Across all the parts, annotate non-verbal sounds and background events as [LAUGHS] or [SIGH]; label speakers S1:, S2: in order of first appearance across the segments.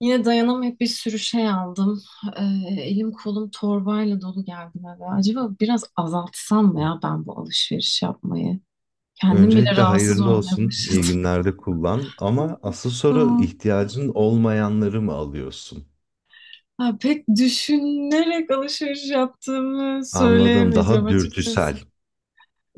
S1: Yine dayanamayıp bir sürü şey aldım. Ee, elim kolum torbayla dolu geldim eve. Acaba biraz azaltsam mı ya ben bu alışveriş yapmayı? Kendim bile
S2: Öncelikle
S1: rahatsız
S2: hayırlı
S1: olmaya
S2: olsun,
S1: başladım.
S2: iyi günlerde kullan. Ama
S1: [LAUGHS]
S2: asıl
S1: Sağ-
S2: soru
S1: ol.
S2: ihtiyacın olmayanları mı alıyorsun?
S1: Ha, pek düşünerek alışveriş yaptığımı
S2: Anladım,
S1: söyleyemeyeceğim
S2: daha
S1: açıkçası.
S2: dürtüsel.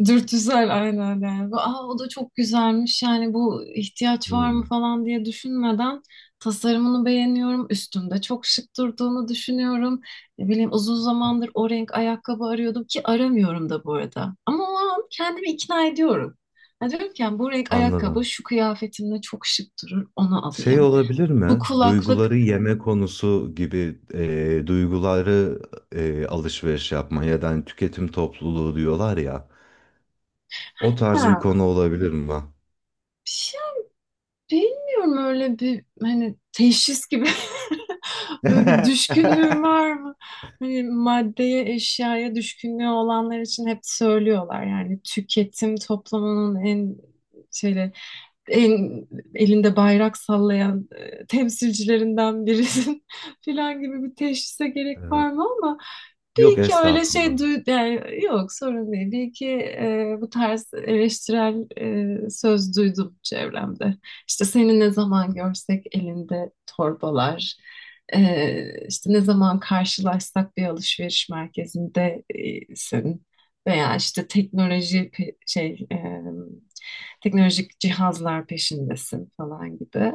S1: Dürtüsel aynen yani. Aa, o da çok güzelmiş yani bu ihtiyaç var mı
S2: Hmm,
S1: falan diye düşünmeden tasarımını beğeniyorum. Üstümde çok şık durduğunu düşünüyorum. Ne bileyim uzun zamandır o renk ayakkabı arıyordum, ki aramıyorum da bu arada. Ama o an kendimi ikna ediyorum. Ya diyorum ki yani bu renk ayakkabı
S2: anladım.
S1: şu kıyafetimle çok şık durur, onu
S2: Şey
S1: alayım.
S2: olabilir
S1: Bu
S2: mi?
S1: kulaklık.
S2: Duyguları yeme konusu gibi duyguları alışveriş yapma ya da hani tüketim topluluğu diyorlar ya. O tarz bir konu
S1: Ha,
S2: olabilir mi?
S1: bir şey. Bilmiyorum, öyle bir hani teşhis gibi, [LAUGHS] öyle bir düşkünlüğüm var
S2: [LAUGHS]
S1: mı? Hani maddeye, eşyaya düşkünlüğü olanlar için hep söylüyorlar, yani tüketim toplumunun en şeyle, el- elinde bayrak sallayan temsilcilerinden birisin [LAUGHS] filan gibi bir teşhise gerek
S2: Evet.
S1: var mı ama bir
S2: Yok
S1: iki öyle
S2: estağfurullah.
S1: şey duy, yani yok sorun değil. Bir iki bu tarz eleştirel söz duydum çevremde. İşte seni ne zaman görsek elinde torbalar, işte ne zaman karşılaşsak bir alışveriş merkezinde senin veya işte teknoloji teknolojik cihazlar peşindesin falan gibi.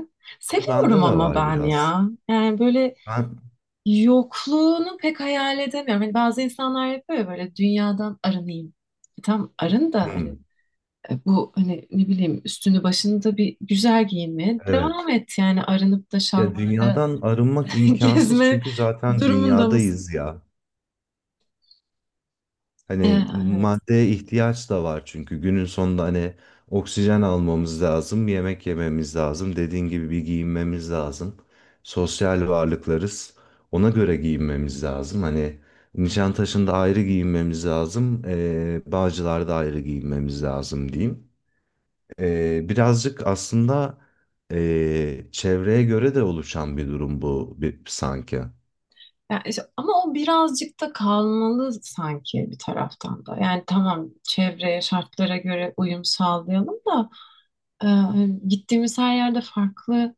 S2: O
S1: Seviyorum
S2: bende de
S1: ama
S2: var
S1: ben
S2: biraz.
S1: ya. Yani böyle
S2: Ben,
S1: yokluğunu pek hayal edemiyorum. Hani bazı insanlar yapıyor ya, böyle dünyadan arınayım. E, tam arın da hani
S2: Hmm,
S1: bu hani ne bileyim üstünü başını da bir güzel giyinmeye devam
S2: evet.
S1: et, yani arınıp da
S2: Ya
S1: şalvarla
S2: dünyadan arınmak
S1: [LAUGHS]
S2: imkansız
S1: gezme
S2: çünkü zaten
S1: durumunda mısın?
S2: dünyadayız ya. Hani
S1: Evet.
S2: maddeye ihtiyaç da var çünkü günün sonunda hani oksijen almamız lazım, yemek yememiz lazım, dediğin gibi bir giyinmemiz lazım. Sosyal varlıklarız. Ona göre giyinmemiz lazım. Hani Nişantaşı'nda ayrı giyinmemiz lazım, Bağcılar'da ayrı giyinmemiz lazım diyeyim. Birazcık aslında çevreye göre de oluşan bir durum bu bir, sanki.
S1: Ya ama o birazcık da kalmalı sanki bir taraftan da. Yani tamam, çevreye, şartlara göre uyum sağlayalım da hani gittiğimiz her yerde farklı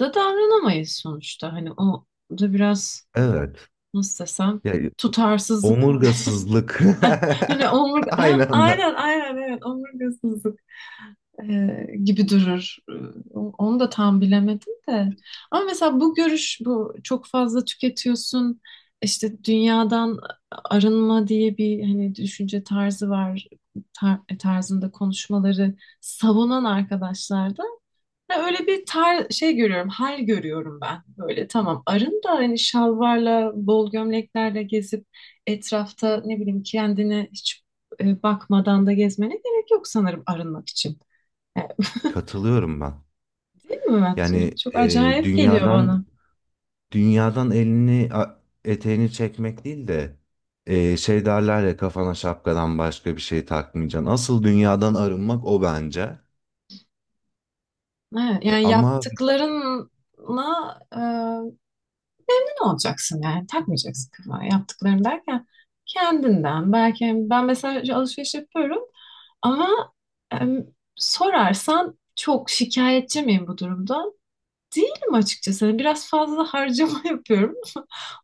S1: da davranamayız sonuçta. Hani o da biraz,
S2: Evet.
S1: nasıl desem,
S2: Ya,
S1: tutarsızlık.
S2: omurgasızlık.
S1: Hani
S2: [LAUGHS]
S1: omurga, ha,
S2: Aynı anda.
S1: aynen aynen, evet, omurgasızlık e, gibi durur. Onu da tam bilemedim de. Ama mesela bu görüş, bu çok fazla tüketiyorsun, işte dünyadan arınma diye bir hani düşünce tarzı var, tarzında konuşmaları savunan arkadaşlar da ya. Öyle bir tar şey görüyorum, hal görüyorum ben. Böyle tamam, arın da hani şalvarla, bol gömleklerle gezip etrafta ne bileyim kendine hiç bakmadan da gezmene gerek yok sanırım arınmak için. Yani, [LAUGHS]
S2: Katılıyorum ben.
S1: değil mi Mert?
S2: Yani
S1: Çok
S2: e,
S1: acayip geliyor bana.
S2: dünyadan dünyadan elini eteğini çekmek değil de şey derler ya kafana şapkadan başka bir şey takmayacaksın. Asıl dünyadan arınmak o bence.
S1: Evet,
S2: E,
S1: yani
S2: ama
S1: yaptıklarınla ne olacaksın yani takmayacaksın kafana yaptıklarım derken, kendinden belki. Yani ben mesela şu alışveriş yapıyorum. Ama em, sorarsan, çok şikayetçi miyim bu durumda? Değilim açıkçası. Hani biraz fazla harcama [LAUGHS] yapıyorum.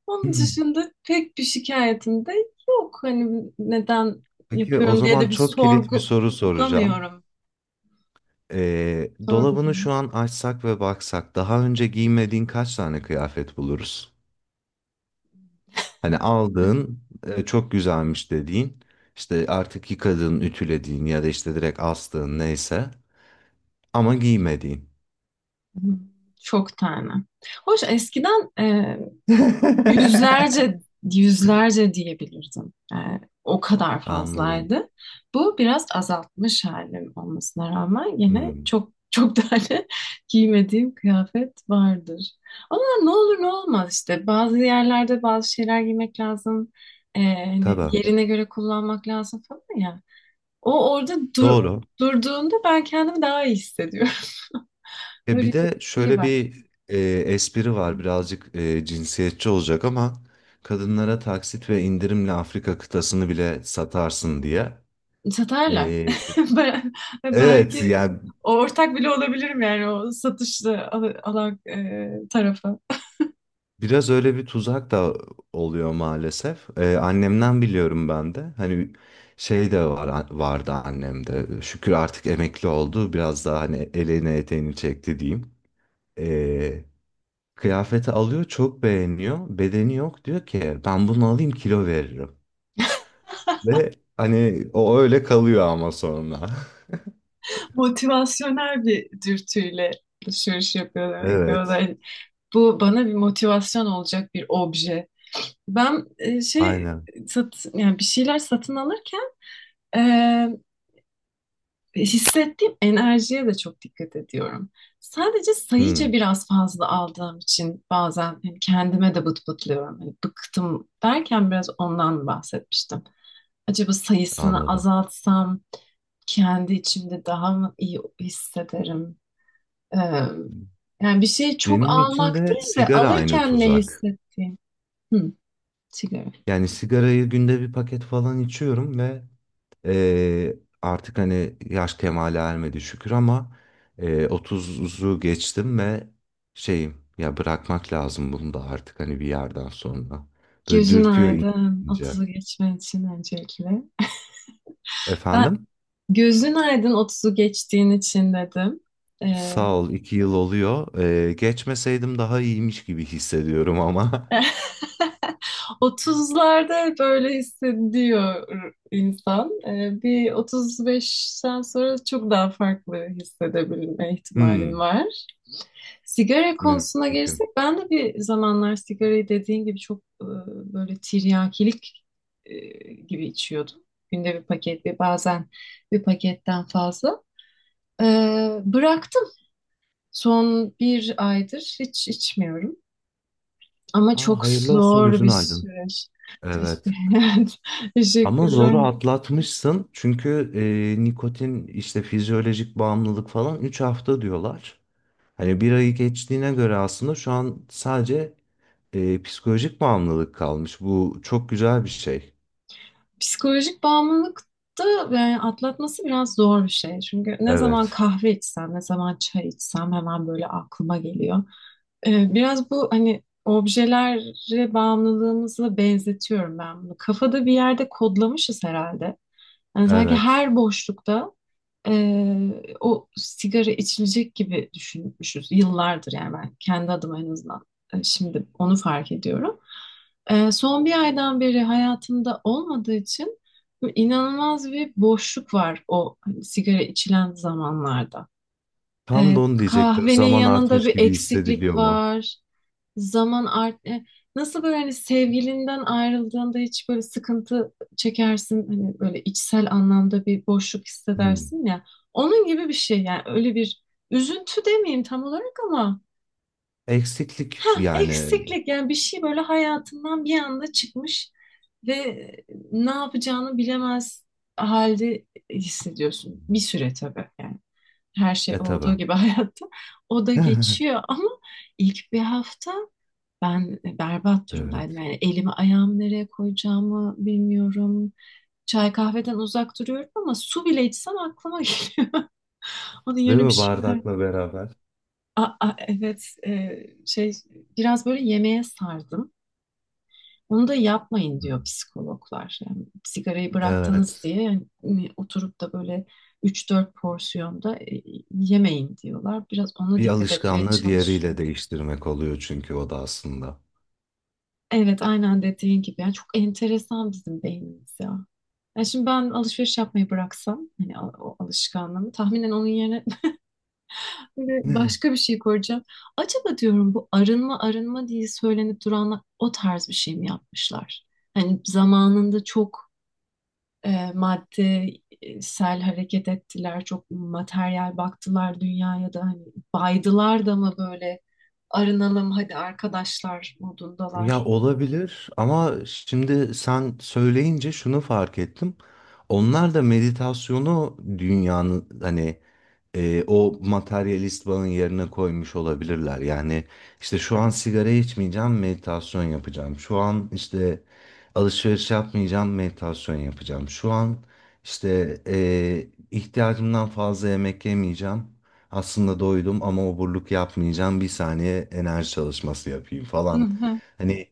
S1: Onun
S2: [LAUGHS] [CLEARS THROAT]
S1: dışında pek bir şikayetim de yok. Hani neden
S2: peki o
S1: yapıyorum diye
S2: zaman
S1: de bir
S2: çok kilit bir
S1: sorgu
S2: soru soracağım.
S1: bulamıyorum.
S2: E,
S1: Sorgu.
S2: dolabını şu an açsak ve baksak daha önce giymediğin kaç tane kıyafet buluruz? Hani aldığın çok güzelmiş dediğin işte artık yıkadığın, ütülediğin ya da işte direkt astığın neyse ama giymediğin.
S1: Çok tane. Hoş eskiden
S2: [LAUGHS]
S1: yüzlerce, yüzlerce diyebilirdim. O kadar
S2: Anladım.
S1: fazlaydı. Bu biraz azaltmış halim olmasına rağmen yine
S2: Hmm.
S1: çok çok [LAUGHS] tane giymediğim kıyafet vardır. Ama ne olur ne olmaz işte. Bazı yerlerde bazı şeyler giymek lazım. Hani
S2: Tabii.
S1: yerine göre kullanmak lazım falan ya. O orada
S2: Doğru.
S1: durduğunda ben kendimi daha iyi hissediyorum. [LAUGHS]
S2: E
S1: Böyle
S2: bir
S1: bir
S2: de
S1: şey
S2: şöyle
S1: var.
S2: bir espri var birazcık cinsiyetçi olacak ama kadınlara taksit ve indirimle Afrika kıtasını bile satarsın diye.
S1: Satarlar.
S2: E,
S1: [LAUGHS] Ben,
S2: evet
S1: belki
S2: yani
S1: ortak bile olabilirim yani o satışlı alan tarafı.
S2: biraz öyle bir tuzak da oluyor maalesef. Annemden biliyorum ben de. Hani şey de var, vardı annemde. Şükür artık emekli oldu. Biraz daha hani elini eteğini çekti diyeyim. Ee, Kıyafeti alıyor, çok beğeniyor. Bedeni yok diyor ki ben bunu alayım kilo veririm. Ve hani o öyle kalıyor ama sonra. [LAUGHS]
S1: Motivasyonel bir dürtüyle alışveriş yapıyor demek ki o da.
S2: Evet,
S1: Hani bu bana bir motivasyon olacak bir obje. Ben
S2: aynen.
S1: yani bir şeyler satın alırken hissettiğim enerjiye de çok dikkat ediyorum. Sadece sayıca
S2: Hmm,
S1: biraz fazla aldığım için bazen hani kendime de bıtlıyorum. Hani bıktım derken biraz ondan bahsetmiştim. Acaba sayısını
S2: anladım.
S1: azaltsam kendi içimde daha mı iyi hissederim? Ee, Yani bir şeyi çok
S2: Benim için
S1: almak
S2: de
S1: değil de
S2: sigara aynı
S1: alırken ne
S2: tuzak.
S1: hissettiğim. Hı, sigara.
S2: Yani sigarayı günde bir paket falan içiyorum ve artık hani yaş kemale ermedi şükür ama 30'u geçtim ve şeyim ya bırakmak lazım bunu da artık hani bir yerden sonra. Böyle
S1: Gözün
S2: dürtüyor ince
S1: aydın,
S2: ince.
S1: 30'u geçmen için öncelikle. Ben,
S2: Efendim?
S1: gözün aydın 30'u geçtiğin için dedim. Ee,
S2: Sağ ol iki yıl oluyor. Geçmeseydim daha iyiymiş gibi hissediyorum ama. [LAUGHS]
S1: [LAUGHS] 30'larda böyle hissediyor insan. Bir 35'ten sonra çok daha farklı hissedebilme ihtimalin
S2: Hmm,
S1: var. Sigara konusuna gelirsek,
S2: mümkün.
S1: ben de bir zamanlar sigarayı dediğin gibi çok böyle tiryakilik e, gibi içiyordum. Günde bir paket, ve bazen bir paketten fazla. Bıraktım. Son bir aydır hiç içmiyorum. Ama
S2: Aa,
S1: çok
S2: hayırlı olsun
S1: zor
S2: gözün
S1: bir
S2: aydın.
S1: süreç. Teşekkür-
S2: Evet.
S1: [LAUGHS] Evet,
S2: Ama
S1: teşekkürler.
S2: zoru atlatmışsın çünkü nikotin işte fizyolojik bağımlılık falan 3 hafta diyorlar. Hani bir ayı geçtiğine göre aslında şu an sadece psikolojik bağımlılık kalmış. Bu çok güzel bir şey.
S1: Psikolojik bağımlılık da yani atlatması biraz zor bir şey. Çünkü ne zaman
S2: Evet,
S1: kahve içsem, ne zaman çay içsem hemen böyle aklıma geliyor. Biraz bu hani objelere bağımlılığımızla benzetiyorum ben bunu. Kafada bir yerde kodlamışız herhalde. Yani sanki
S2: evet.
S1: her boşlukta o sigara içilecek gibi düşünmüşüz yıllardır, yani ben kendi adıma en azından şimdi onu fark ediyorum. Son bir aydan beri hayatımda olmadığı için böyle inanılmaz bir boşluk var, o hani sigara içilen zamanlarda.
S2: Tam da onu diyecektim.
S1: Kahvenin
S2: Zaman
S1: yanında
S2: artmış
S1: bir
S2: gibi hissediliyor
S1: eksiklik
S2: mu?
S1: var. Zaman art e, nasıl böyle, hani sevgilinden ayrıldığında hiç böyle sıkıntı çekersin, hani böyle içsel anlamda bir boşluk
S2: Hmm.
S1: hissedersin ya, onun gibi bir şey. Yani öyle bir üzüntü demeyeyim tam olarak ama,
S2: Eksiklik
S1: ha,
S2: yani.
S1: eksiklik yani. Bir şey böyle hayatından bir anda çıkmış ve ne yapacağını bilemez halde hissediyorsun bir süre, tabii yani, her şey
S2: E tabii.
S1: olduğu gibi [LAUGHS] hayatta o da
S2: [LAUGHS]
S1: geçiyor ama, ilk bir hafta ben berbat durumdaydım.
S2: Evet.
S1: Yani elimi ayağımı nereye koyacağımı bilmiyorum. Çay kahveden uzak duruyorum ama su bile içsem aklıma [LAUGHS] geliyor. Onun
S2: Değil
S1: yerine bir
S2: mi
S1: şeyler.
S2: bardakla beraber?
S1: Aa, aa, evet, şey, biraz böyle yemeğe sardım. Onu da yapmayın diyor psikologlar. Yani sigarayı bıraktınız
S2: Evet.
S1: diye yani hani oturup da böyle üç dört porsiyonda yemeyin diyorlar. Biraz ona
S2: Bir
S1: dikkat etmeye
S2: alışkanlığı diğeriyle
S1: çalışıyorum.
S2: değiştirmek oluyor çünkü o da aslında.
S1: Evet, aynen dediğin gibi. Yani çok enteresan bizim beynimiz ya. Yani şimdi ben alışveriş yapmayı bıraksam, hani o alışkanlığımı tahminen onun yerine [LAUGHS] böyle başka
S2: [LAUGHS]
S1: bir şey koyacağım. Acaba diyorum bu arınma arınma diye söylenip duranlar o tarz bir şey mi yapmışlar? Hani zamanında çok maddesel hareket ettiler, çok materyal baktılar dünyaya da, hani baydılar da mı böyle, arınalım hadi arkadaşlar
S2: Ya
S1: modundalar.
S2: olabilir ama şimdi sen söyleyince şunu fark ettim. Onlar da meditasyonu dünyanın hani o materyalist bağın yerine koymuş olabilirler. Yani işte şu an sigara içmeyeceğim, meditasyon yapacağım. Şu an işte alışveriş yapmayacağım, meditasyon yapacağım. Şu an işte ihtiyacımdan fazla yemek yemeyeceğim. Aslında doydum ama oburluk yapmayacağım. Bir saniye enerji çalışması yapayım falan.
S1: [LAUGHS]
S2: Hani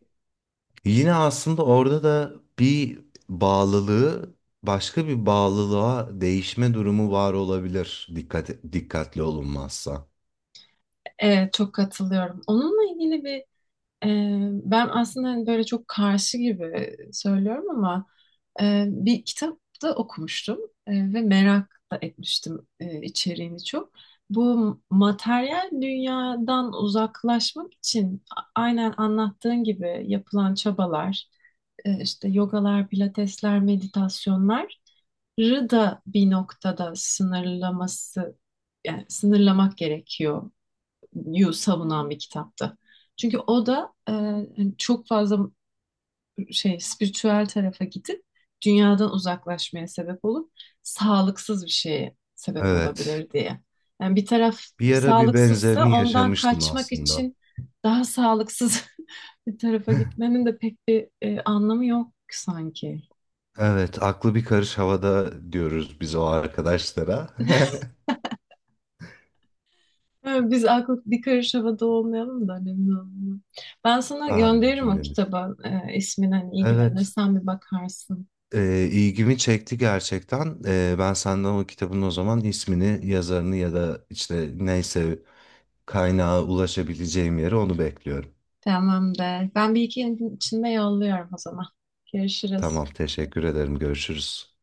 S2: yine aslında orada da bir bağlılığı başka bir bağlılığa değişme durumu var olabilir dikkatli olunmazsa.
S1: Evet, çok katılıyorum. Onunla ilgili bir e, ben aslında hani böyle çok karşı gibi söylüyorum ama bir kitapta okumuştum ve merak da etmiştim içeriğini çok. Bu materyal dünyadan uzaklaşmak için aynen anlattığın gibi yapılan çabalar, işte yogalar, pilatesler, meditasyonları da bir noktada sınırlaması, yani sınırlamak gerekiyor yu savunan bir kitaptı. Çünkü o da hani çok fazla şey spiritüel tarafa gidip dünyadan uzaklaşmaya sebep olup sağlıksız bir şeye sebep
S2: Evet.
S1: olabilir diye. Yani bir taraf
S2: Bir ara bir
S1: sağlıksızsa
S2: benzerini
S1: ondan
S2: yaşamıştım
S1: kaçmak
S2: aslında.
S1: için daha sağlıksız [LAUGHS] bir tarafa gitmenin de pek bir anlamı yok sanki.
S2: Evet, aklı bir karış havada diyoruz biz o arkadaşlara.
S1: [LAUGHS] Biz aklı bir karış havada olmayalım da önemli olmuyor. Ben sana
S2: [LAUGHS] Amin
S1: gönderirim o
S2: cümlemiz.
S1: kitabı ismini, hani
S2: Evet,
S1: ilgilenirsen bir bakarsın.
S2: ilgimi çekti gerçekten. E, ben senden o kitabın o zaman ismini, yazarını ya da işte neyse kaynağa ulaşabileceğim yeri onu bekliyorum.
S1: Tamamdır. Ben bir iki gün içinde yolluyorum o zaman. Görüşürüz.
S2: Tamam, teşekkür ederim. Görüşürüz.